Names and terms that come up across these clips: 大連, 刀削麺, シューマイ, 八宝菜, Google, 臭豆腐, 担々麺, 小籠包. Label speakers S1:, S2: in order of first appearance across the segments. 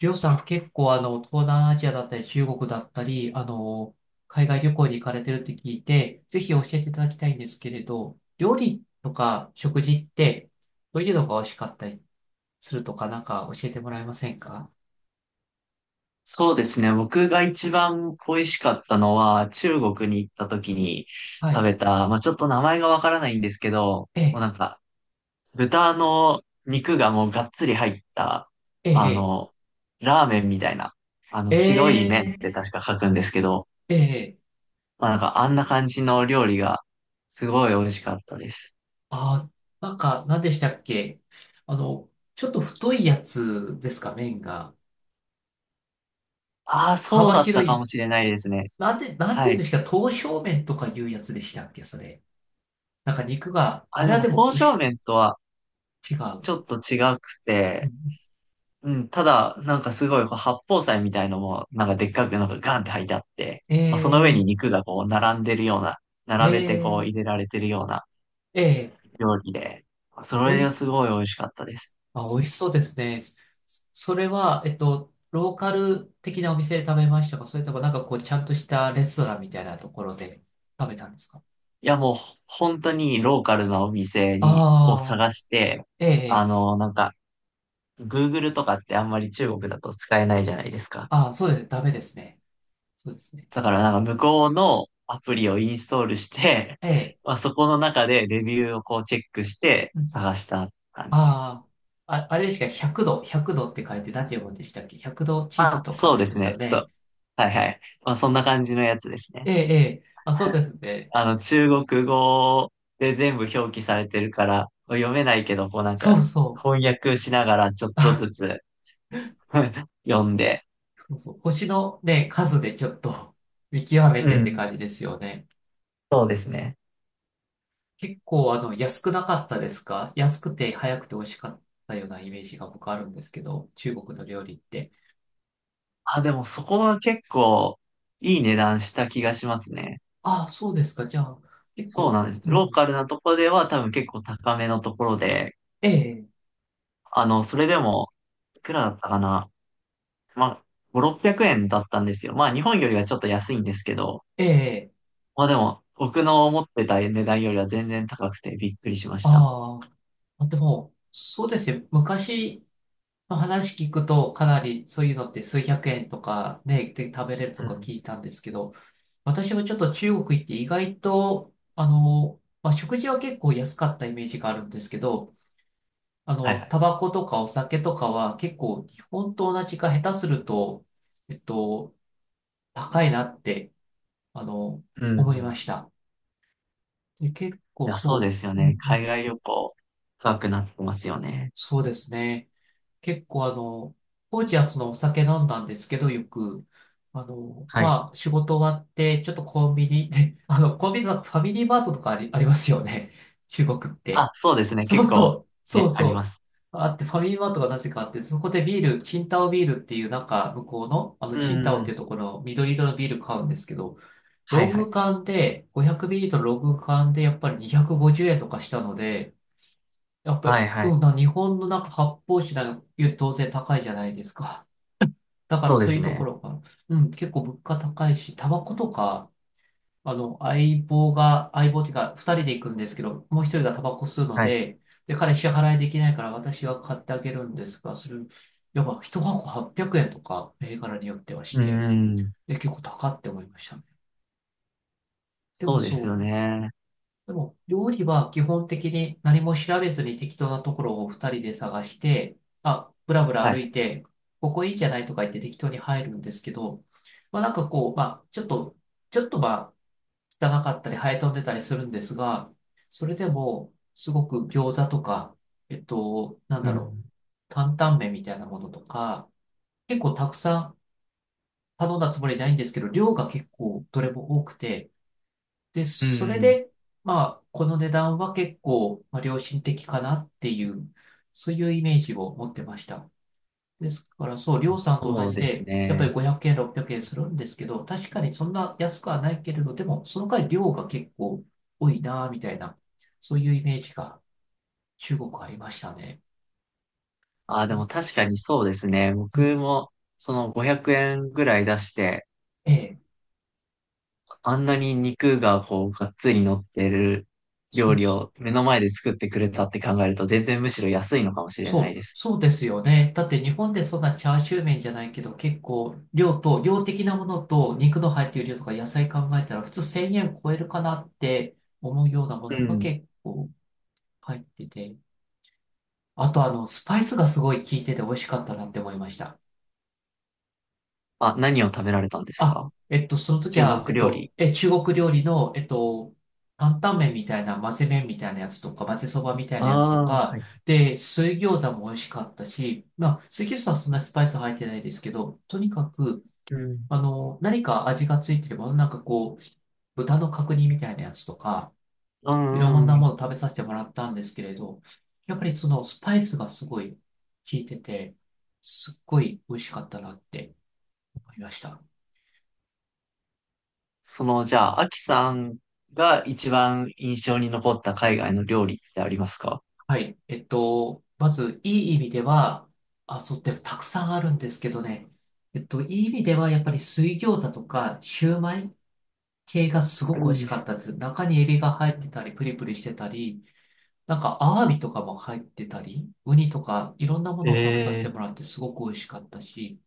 S1: りょうさん結構東南アジアだったり中国だったり、海外旅行に行かれてるって聞いて、ぜひ教えていただきたいんですけれど、料理とか食事って、どういうのが美味しかったりするとか教えてもらえませんか？
S2: そうですね。僕が一番恋しかったのは、中国に行った時に
S1: は
S2: 食
S1: い。
S2: べた、まあちょっと名前がわからないんですけど、
S1: え
S2: もう
S1: え、
S2: なんか、豚の肉がもうがっつり入った、
S1: え
S2: あ
S1: え、
S2: の、ラーメンみたいな、
S1: え
S2: 白い麺っ
S1: え、
S2: て確か書くんですけど、
S1: ええ。
S2: まあなんかあんな感じの料理が、すごい美味しかったです。
S1: あ、何でしたっけ。あの、ちょっと太いやつですか、麺が。
S2: ああ、そう
S1: 幅
S2: だった
S1: 広
S2: かも
S1: い。
S2: しれないですね。
S1: なんて
S2: は
S1: いうん
S2: い。
S1: ですか、刀削麺とかいうやつでしたっけ、それ。なんか肉が、
S2: あ、
S1: あれ
S2: で
S1: は
S2: も、
S1: でも
S2: 刀削
S1: 牛、
S2: 麺とは
S1: 違う。
S2: ちょっと違く
S1: う
S2: て、
S1: ん。
S2: うん、ただ、なんかすごい、こう八宝菜みたいのも、なんかでっかくなんかガンって入ってあって、まあ、その上に
S1: え
S2: 肉がこう並んでるような、
S1: ー、
S2: 並べてこう
S1: え
S2: 入れられてるような
S1: ー、えー。
S2: 料理で、そ
S1: お
S2: れが
S1: い、
S2: すごい美味しかったです。
S1: あ、美味しそうですね。それは、ローカル的なお店で食べましたか、それともなんかこう、ちゃんとしたレストランみたいなところで食べたんですか？
S2: いや、もう本当にローカルなお店に、を
S1: ああ
S2: 探して、
S1: ー、えーえー。
S2: なんか、Google とかってあんまり中国だと使えないじゃないですか。
S1: ああ、そうですね。ダメですね。そうですね。
S2: だからなんか向こうのアプリをインストールして、
S1: ええ。
S2: まあ、そこの中でレビューをこうチェックして
S1: うんうん。
S2: 探した感じです。
S1: あ、ああ、あれですか、100度、100度って書いて何て読むんでしたっけ？ 100 度チーズ
S2: あ、
S1: とか
S2: そ
S1: あ
S2: うで
S1: りま
S2: す
S1: す
S2: ね。
S1: よ
S2: ちょっ
S1: ね。
S2: と、はいはい。まあ、そんな感じのやつですね。
S1: ええ、ええ、あ、そうですね。
S2: あの、中国語で全部表記されてるから、読めないけど、こうなん
S1: そ
S2: か、
S1: うそう。
S2: 翻訳しながらちょっと
S1: あ、
S2: ずつ 読んで。
S1: そうそう。星のね、数でちょっと 見極め
S2: う
S1: てって
S2: ん。
S1: 感じですよね。
S2: そうですね。
S1: 結構安くなかったですか？安くて早くて美味しかったようなイメージが僕あるんですけど、中国の料理って。
S2: あ、でもそこは結構いい値段した気がしますね。
S1: ああ、そうですか。じゃあ、結
S2: そう
S1: 構、
S2: なんです。
S1: うんう
S2: ロー
S1: ん。
S2: カルなとこでは多分結構高めのところで、
S1: ええ、
S2: それでも、いくらだったかな。まあ、5、600円だったんですよ。まあ、日本よりはちょっと安いんですけど、
S1: ええ。
S2: まあでも、僕の思ってた値段よりは全然高くてびっくりしました。
S1: あー、あ、でも、そうですね。昔の話聞くと、かなりそういうのって数百円とかね、で食べれると
S2: う
S1: か聞
S2: ん。
S1: いたんですけど、私もちょっと中国行って意外と、まあ、食事は結構安かったイメージがあるんですけど、
S2: はいはい。
S1: タバコとかお酒とかは結構日本と同じか下手すると、えっと、高いなって、あの、
S2: う
S1: 思い
S2: ん。
S1: ま
S2: い
S1: した。で、結構
S2: や、そうで
S1: そ
S2: すよ
S1: う、う
S2: ね。
S1: んう
S2: 海
S1: ん。
S2: 外旅行、高くなってますよね。
S1: そうですね。結構当時はそのお酒飲んだんですけど、よく、
S2: はい。
S1: まあ、仕事終わって、ちょっとコンビニで、コンビニのファミリーマートとかありますよね。中国っ
S2: あ、
S1: て。
S2: そうですね。
S1: そ
S2: 結
S1: うそ
S2: 構、
S1: う、そう
S2: ね、ありま
S1: そう。
S2: す。
S1: あって、ファミリーマートがなぜかあって、そこでビール、チンタオビールっていう、なんか、向こうの、
S2: う
S1: チンタオってい
S2: ん。
S1: うところの緑色のビール買うんですけど、
S2: は
S1: ロ
S2: い
S1: ン
S2: は
S1: グ
S2: い。
S1: 缶で、500ミリリットルのロング缶で、やっぱり250円とかしたので、やっぱり、
S2: はいは
S1: う
S2: い。
S1: ん、な日本のなんか発泡酒なんかより当然高いじゃないですか。だか
S2: そ
S1: ら
S2: うで
S1: そうい
S2: す
S1: うとこ
S2: ね。
S1: ろが、うん、結構物価高いし、タバコとか、相棒っていうか、二人で行くんですけど、もう一人がタバコ吸うの
S2: はい。
S1: で、で、彼支払いできないから私が買ってあげるんですが、やっぱ一箱800円とか、銘柄によってはし
S2: う
S1: て、
S2: ん。
S1: え、結構高って思いましたね。でも
S2: そうですよ
S1: そう。
S2: ね。
S1: でも、料理は基本的に何も調べずに適当なところを二人で探して、あ、ぶらぶら
S2: は
S1: 歩い
S2: い。
S1: て、ここいいじゃないとか言って適当に入るんですけど、まあなんかこう、まあちょっと、ちょっとまあ汚かったり生え飛んでたりするんですが、それでもすごく餃子とか、なん
S2: う
S1: だろう、
S2: ん。
S1: 担々麺みたいなものとか、結構たくさん頼んだつもりないんですけど、量が結構どれも多くて、で、
S2: う
S1: それ
S2: ん。
S1: で、まあ、この値段は結構、まあ、良心的かなっていう、そういうイメージを持ってました。ですから、そう、りょうさんと同
S2: そう
S1: じ
S2: です
S1: で、やっぱり
S2: ね。
S1: 500円、600円するんですけど、確かにそんな安くはないけれど、でも、その代わり量が結構多いな、みたいな、そういうイメージが中国ありましたね。
S2: あ、
S1: う
S2: でも
S1: ん。
S2: 確かにそうですね。
S1: う
S2: 僕
S1: ん。
S2: も、その500円ぐらい出して、
S1: ええ。
S2: あんなに肉がこう、がっつり乗ってる
S1: そ
S2: 料
S1: う
S2: 理
S1: そう
S2: を目の前で作ってくれたって考えると、全然むしろ安いのかもしれない
S1: そ
S2: で
S1: う、
S2: す。
S1: そうですよね。だって日本でそんなチャーシュー麺じゃないけど、結構量と、量的なものと肉の入っている量とか野菜考えたら普通1000円超えるかなって思うようなも
S2: う
S1: のが
S2: ん。
S1: 結構入ってて。あとあの、スパイスがすごい効いてて美味しかったなって思いました。
S2: あ、何を食べられたんです
S1: あ、
S2: か？
S1: えっと、その時
S2: 中
S1: は、えっ
S2: 国料
S1: と、
S2: 理。
S1: え、中国料理の、担々麺みたいな、混ぜ麺みたいなやつとか、混ぜそばみたいなやつと
S2: ああ、は
S1: か、
S2: い。
S1: で、水餃子も美味しかったし、まあ、水餃子はそんなにスパイス入ってないですけど、とにかく、
S2: うん。
S1: 何か味がついてるもの、なんかこう、豚の角煮みたいなやつとか、
S2: うん
S1: いろ
S2: う
S1: ん
S2: んう
S1: なも
S2: ん。
S1: の食べさせてもらったんですけれど、やっぱりそのスパイスがすごい効いてて、すっごい美味しかったなって思いました。
S2: その、じゃあ、アキさんが一番印象に残った海外の料理ってありますか？
S1: はい。まず、いい意味では、あ、そうってたくさんあるんですけどね。いい意味では、やっぱり水餃子とか、シューマイ系がす
S2: う
S1: ごく美味し
S2: ん
S1: かったです。中にエビが入ってたり、プリプリしてたり、なんか、アワビとかも入ってたり、ウニとか、いろんなものを食べさせ
S2: え
S1: ても
S2: ー、
S1: らって、すごく美味しかったし、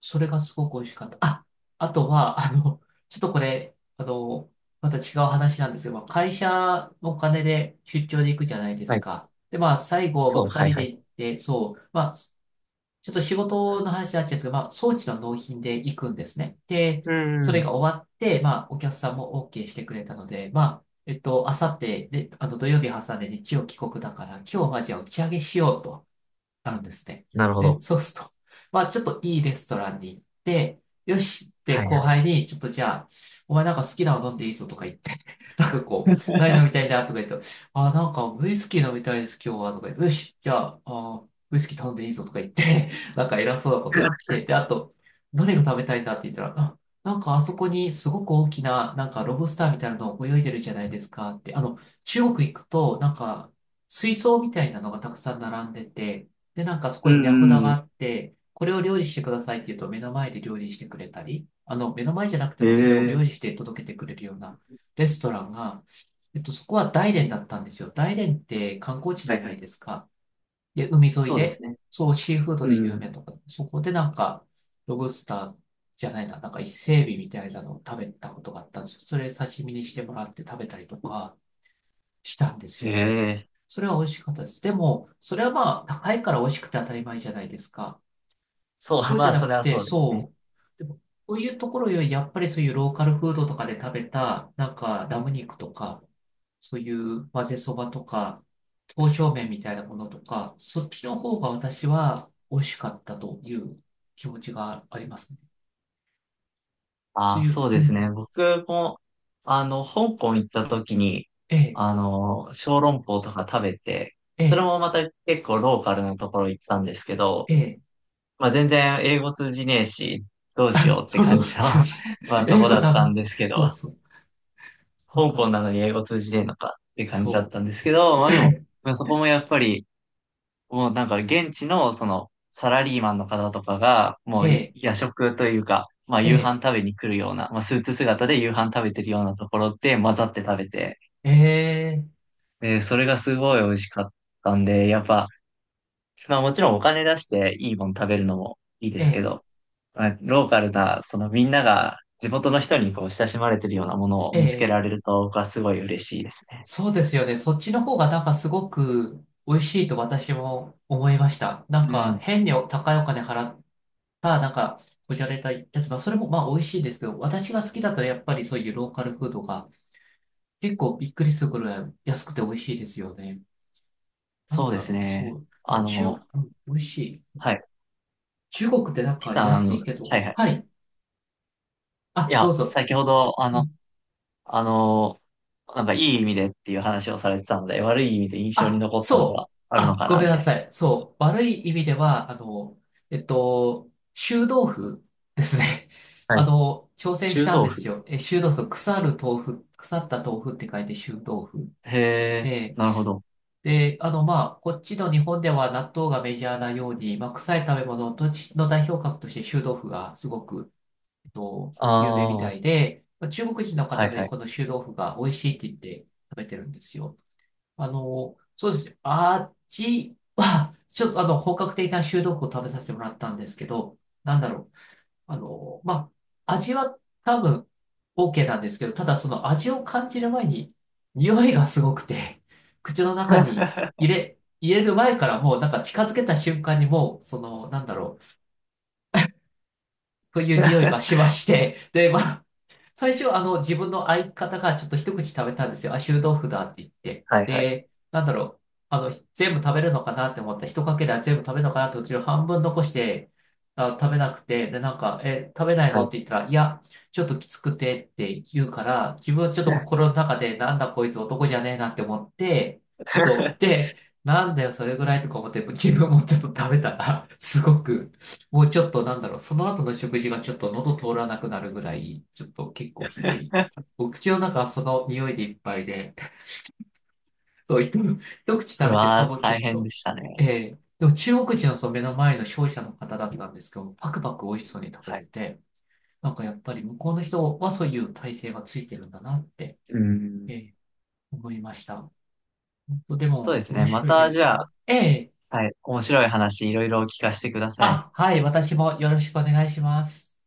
S1: それがすごく美味しかった。あ、あとは、あの、ちょっとこれ、あの、また違う話なんですけど、まあ会社のお金で出張で行くじゃないで
S2: は
S1: す
S2: い。
S1: か。で、まあ、最後、まあ、
S2: そう、
S1: 二
S2: はい
S1: 人
S2: は
S1: で
S2: い。
S1: 行って、そう、まあ、ちょっと仕事の話になっちゃうんですけど、まあ、装置の納品で行くんですね。
S2: う
S1: で、
S2: ん
S1: そ
S2: う
S1: れ
S2: ん。
S1: が終わって、まあ、お客さんも OK してくれたので、まあ、あさって、で、土曜日挟んで日曜帰国だから、今日はじゃあ打ち上げしようと。あるんですね。
S2: なるほ
S1: で、
S2: ど。
S1: そうすると、まあちょっといいレストランに行って、よしって
S2: はい
S1: 後
S2: はい。
S1: 輩に、ちょっとじゃあ、お前なんか好きなの飲んでいいぞとか言って、なんかこう、何飲みたいんだとか言って、あ、なんかウイスキー飲みたいです今日はとか言って、よし、じゃあ、あ、ウイスキー頼んでいいぞとか言って、なんか偉そうなこと言って、で、あと、何が食べたいんだって言ったら、あ、なんかあそこにすごく大きな、なんかロブスターみたいなの泳いでるじゃないですかって、中国行くと、なんか、水槽みたいなのがたくさん並んでて、で、なんかそこ
S2: うんう
S1: に値札
S2: んう
S1: が
S2: ん。
S1: あって、これを料理してくださいって言うと目の前で料理してくれたり、目の前じゃなくてもそれを料
S2: ええ
S1: 理して届けてくれるようなレストランが、そこは大連だったんですよ。大連って観光地じ
S2: は
S1: ゃ
S2: い
S1: な
S2: は
S1: い
S2: い。
S1: ですか。で、海沿い
S2: そうです
S1: で、
S2: ね。
S1: そう、シーフードで
S2: う
S1: 有
S2: ん。
S1: 名とか、そこでなんか、ロブスターじゃないな、なんか伊勢海老みたいなのを食べたことがあったんですよ。それ刺身にしてもらって食べたりとか、したんですよね。
S2: ええ
S1: それは美味しかったです。でも、それはまあ、高いから美味しくて当たり前じゃないですか。
S2: そう、
S1: そ うじ
S2: ま
S1: ゃ
S2: あ、
S1: な
S2: そ
S1: く
S2: れは
S1: て、
S2: そうですね。
S1: そう。でも、そういうところより、やっぱりそういうローカルフードとかで食べた、なんか、ラム肉とか、そういう混ぜそばとか、刀削麺みたいなものとか、そっちの方が私は美味しかったという気持ちがありますね。そ
S2: あ
S1: う
S2: あ、
S1: いう、
S2: そう
S1: うん
S2: で
S1: う
S2: す
S1: ん、
S2: ね。僕も、香港行った時に、
S1: ええ、
S2: 小籠包とか食べて、
S1: え
S2: それ
S1: え、
S2: もまた結構ローカルなところ行ったんですけど、
S1: ええ、
S2: まあ全然英語通じねえし、どうしようって
S1: そうそ
S2: 感
S1: う、
S2: じの
S1: 通 じ
S2: まあ
S1: な
S2: と
S1: い。英
S2: こ
S1: 語
S2: だっ
S1: ダ
S2: た
S1: メ。
S2: んですけ
S1: そう
S2: ど、
S1: そう、わ
S2: 香
S1: かる。
S2: 港なのに英語通じねえのかって感じだっ
S1: そ
S2: たんですけど、ま
S1: う。
S2: あでも、
S1: え
S2: まあそこもやっぱり、もうなんか現地のそのサラリーマンの方とかが、もう
S1: え、
S2: 夜食というか、まあ
S1: え
S2: 夕
S1: え、
S2: 飯食べに来るような、まあスーツ姿で夕飯食べてるようなところで混ざって食べて、
S1: ええ、
S2: で、それがすごい美味しかったんで、やっぱ、まあもちろんお金出していいもん食べるのもいいで
S1: え
S2: すけ
S1: え、
S2: ど、まあ、ローカルな、そのみんなが地元の人にこう親しまれてるようなものを見つけら
S1: ええ、
S2: れると僕はすごい嬉しいですね。
S1: そうですよね。そっちの方がなんかすごく美味しいと私も思いました。な
S2: う
S1: んか
S2: ん。
S1: 変に高いお金払ったなんかこじゃれたやつ、まあそれもまあ美味しいですけど、私が好きだったらやっぱりそういうローカルフードが結構びっくりするぐらい安くて美味しいですよね。な
S2: そ
S1: ん
S2: うで
S1: だろ
S2: す
S1: う、そ
S2: ね。
S1: う。なん
S2: あ
S1: か中、う
S2: の、
S1: ん、美味しい。
S2: はい。
S1: 中国ってなん
S2: キ
S1: か
S2: さん、あ
S1: 安
S2: の
S1: いけ
S2: は
S1: ど、
S2: いはい。
S1: はい。
S2: い
S1: あ、どう
S2: や、
S1: ぞ。
S2: 先ほど、
S1: うん、
S2: あの、なんかいい意味でっていう話をされてたんで、悪い意味で印象に
S1: あ、
S2: 残ったの
S1: そ
S2: が
S1: う。
S2: あるの
S1: あ、
S2: か
S1: ご
S2: な、
S1: めん
S2: み
S1: な
S2: たい
S1: さい。そう。悪い意味では、臭豆腐ですね。
S2: な。はい。
S1: 挑戦し
S2: 臭
S1: たんで
S2: 豆
S1: す
S2: 腐。
S1: よ。え、臭豆腐、腐る豆腐、腐った豆腐って書いて臭豆腐。
S2: へえ、
S1: で、
S2: なるほど。
S1: で、まあ、こっちの日本では納豆がメジャーなように、まあ、臭い食べ物とちの代表格として臭豆腐がすごく、
S2: あ
S1: 有名み
S2: あ、
S1: た
S2: は
S1: いで、まあ中国人の
S2: い
S1: 方で
S2: はい。
S1: この臭豆腐が美味しいって言って食べてるんですよ。そうです。あっちは、ちょっと本格的な臭豆腐を食べさせてもらったんですけど、なんだろう。まあ、味は多分 OK なんですけど、ただその味を感じる前に、匂いがすごくて、口の中に 入れる前からもうなんか近づけた瞬間にもう、その、なんだろう、という匂いがしまして、で、まあ、最初、自分の相方がちょっと一口食べたんですよ。あ、臭豆腐だって言って。
S2: はいはい。
S1: で、なんだろう。あの、全部食べるのかなって思った。一かけら全部食べるのかなってうちの半分残して、あ、食べなくて、で、なんか、え、食べない
S2: は
S1: のっ
S2: い。
S1: て言ったら、いや、ちょっときつくてって言うから、自分はちょっと心の中で、なんだこいつ男じゃねえなって思って、ちょっと、で、なんだよ、それぐらいとか思って、自分もちょっと食べたら、すごく、もうちょっとなんだろう、その後の食事がちょっと喉通らなくなるぐらい、ちょっと結構ひどい。お口の中はその匂いでいっぱいで、そう、一口
S2: そ
S1: 食
S2: れ
S1: べて、あ、
S2: は
S1: もうちょっ
S2: 大変で
S1: と。
S2: した
S1: え
S2: ね。
S1: え、でも中国人のその目の前の商社の方だったんですけど、パクパク美味しそうに食べ
S2: は
S1: て
S2: い。
S1: て、なんかやっぱり向こうの人はそういう体制がついてるんだなって、
S2: うん。
S1: ええ、思いました。本当で
S2: そうで
S1: も
S2: す
S1: 面
S2: ね。ま
S1: 白いで
S2: た、じ
S1: すよ
S2: ゃ
S1: ね。
S2: あ、
S1: ええ、
S2: はい。面白い話いろいろ聞かせてください。
S1: あ、はい、私もよろしくお願いします。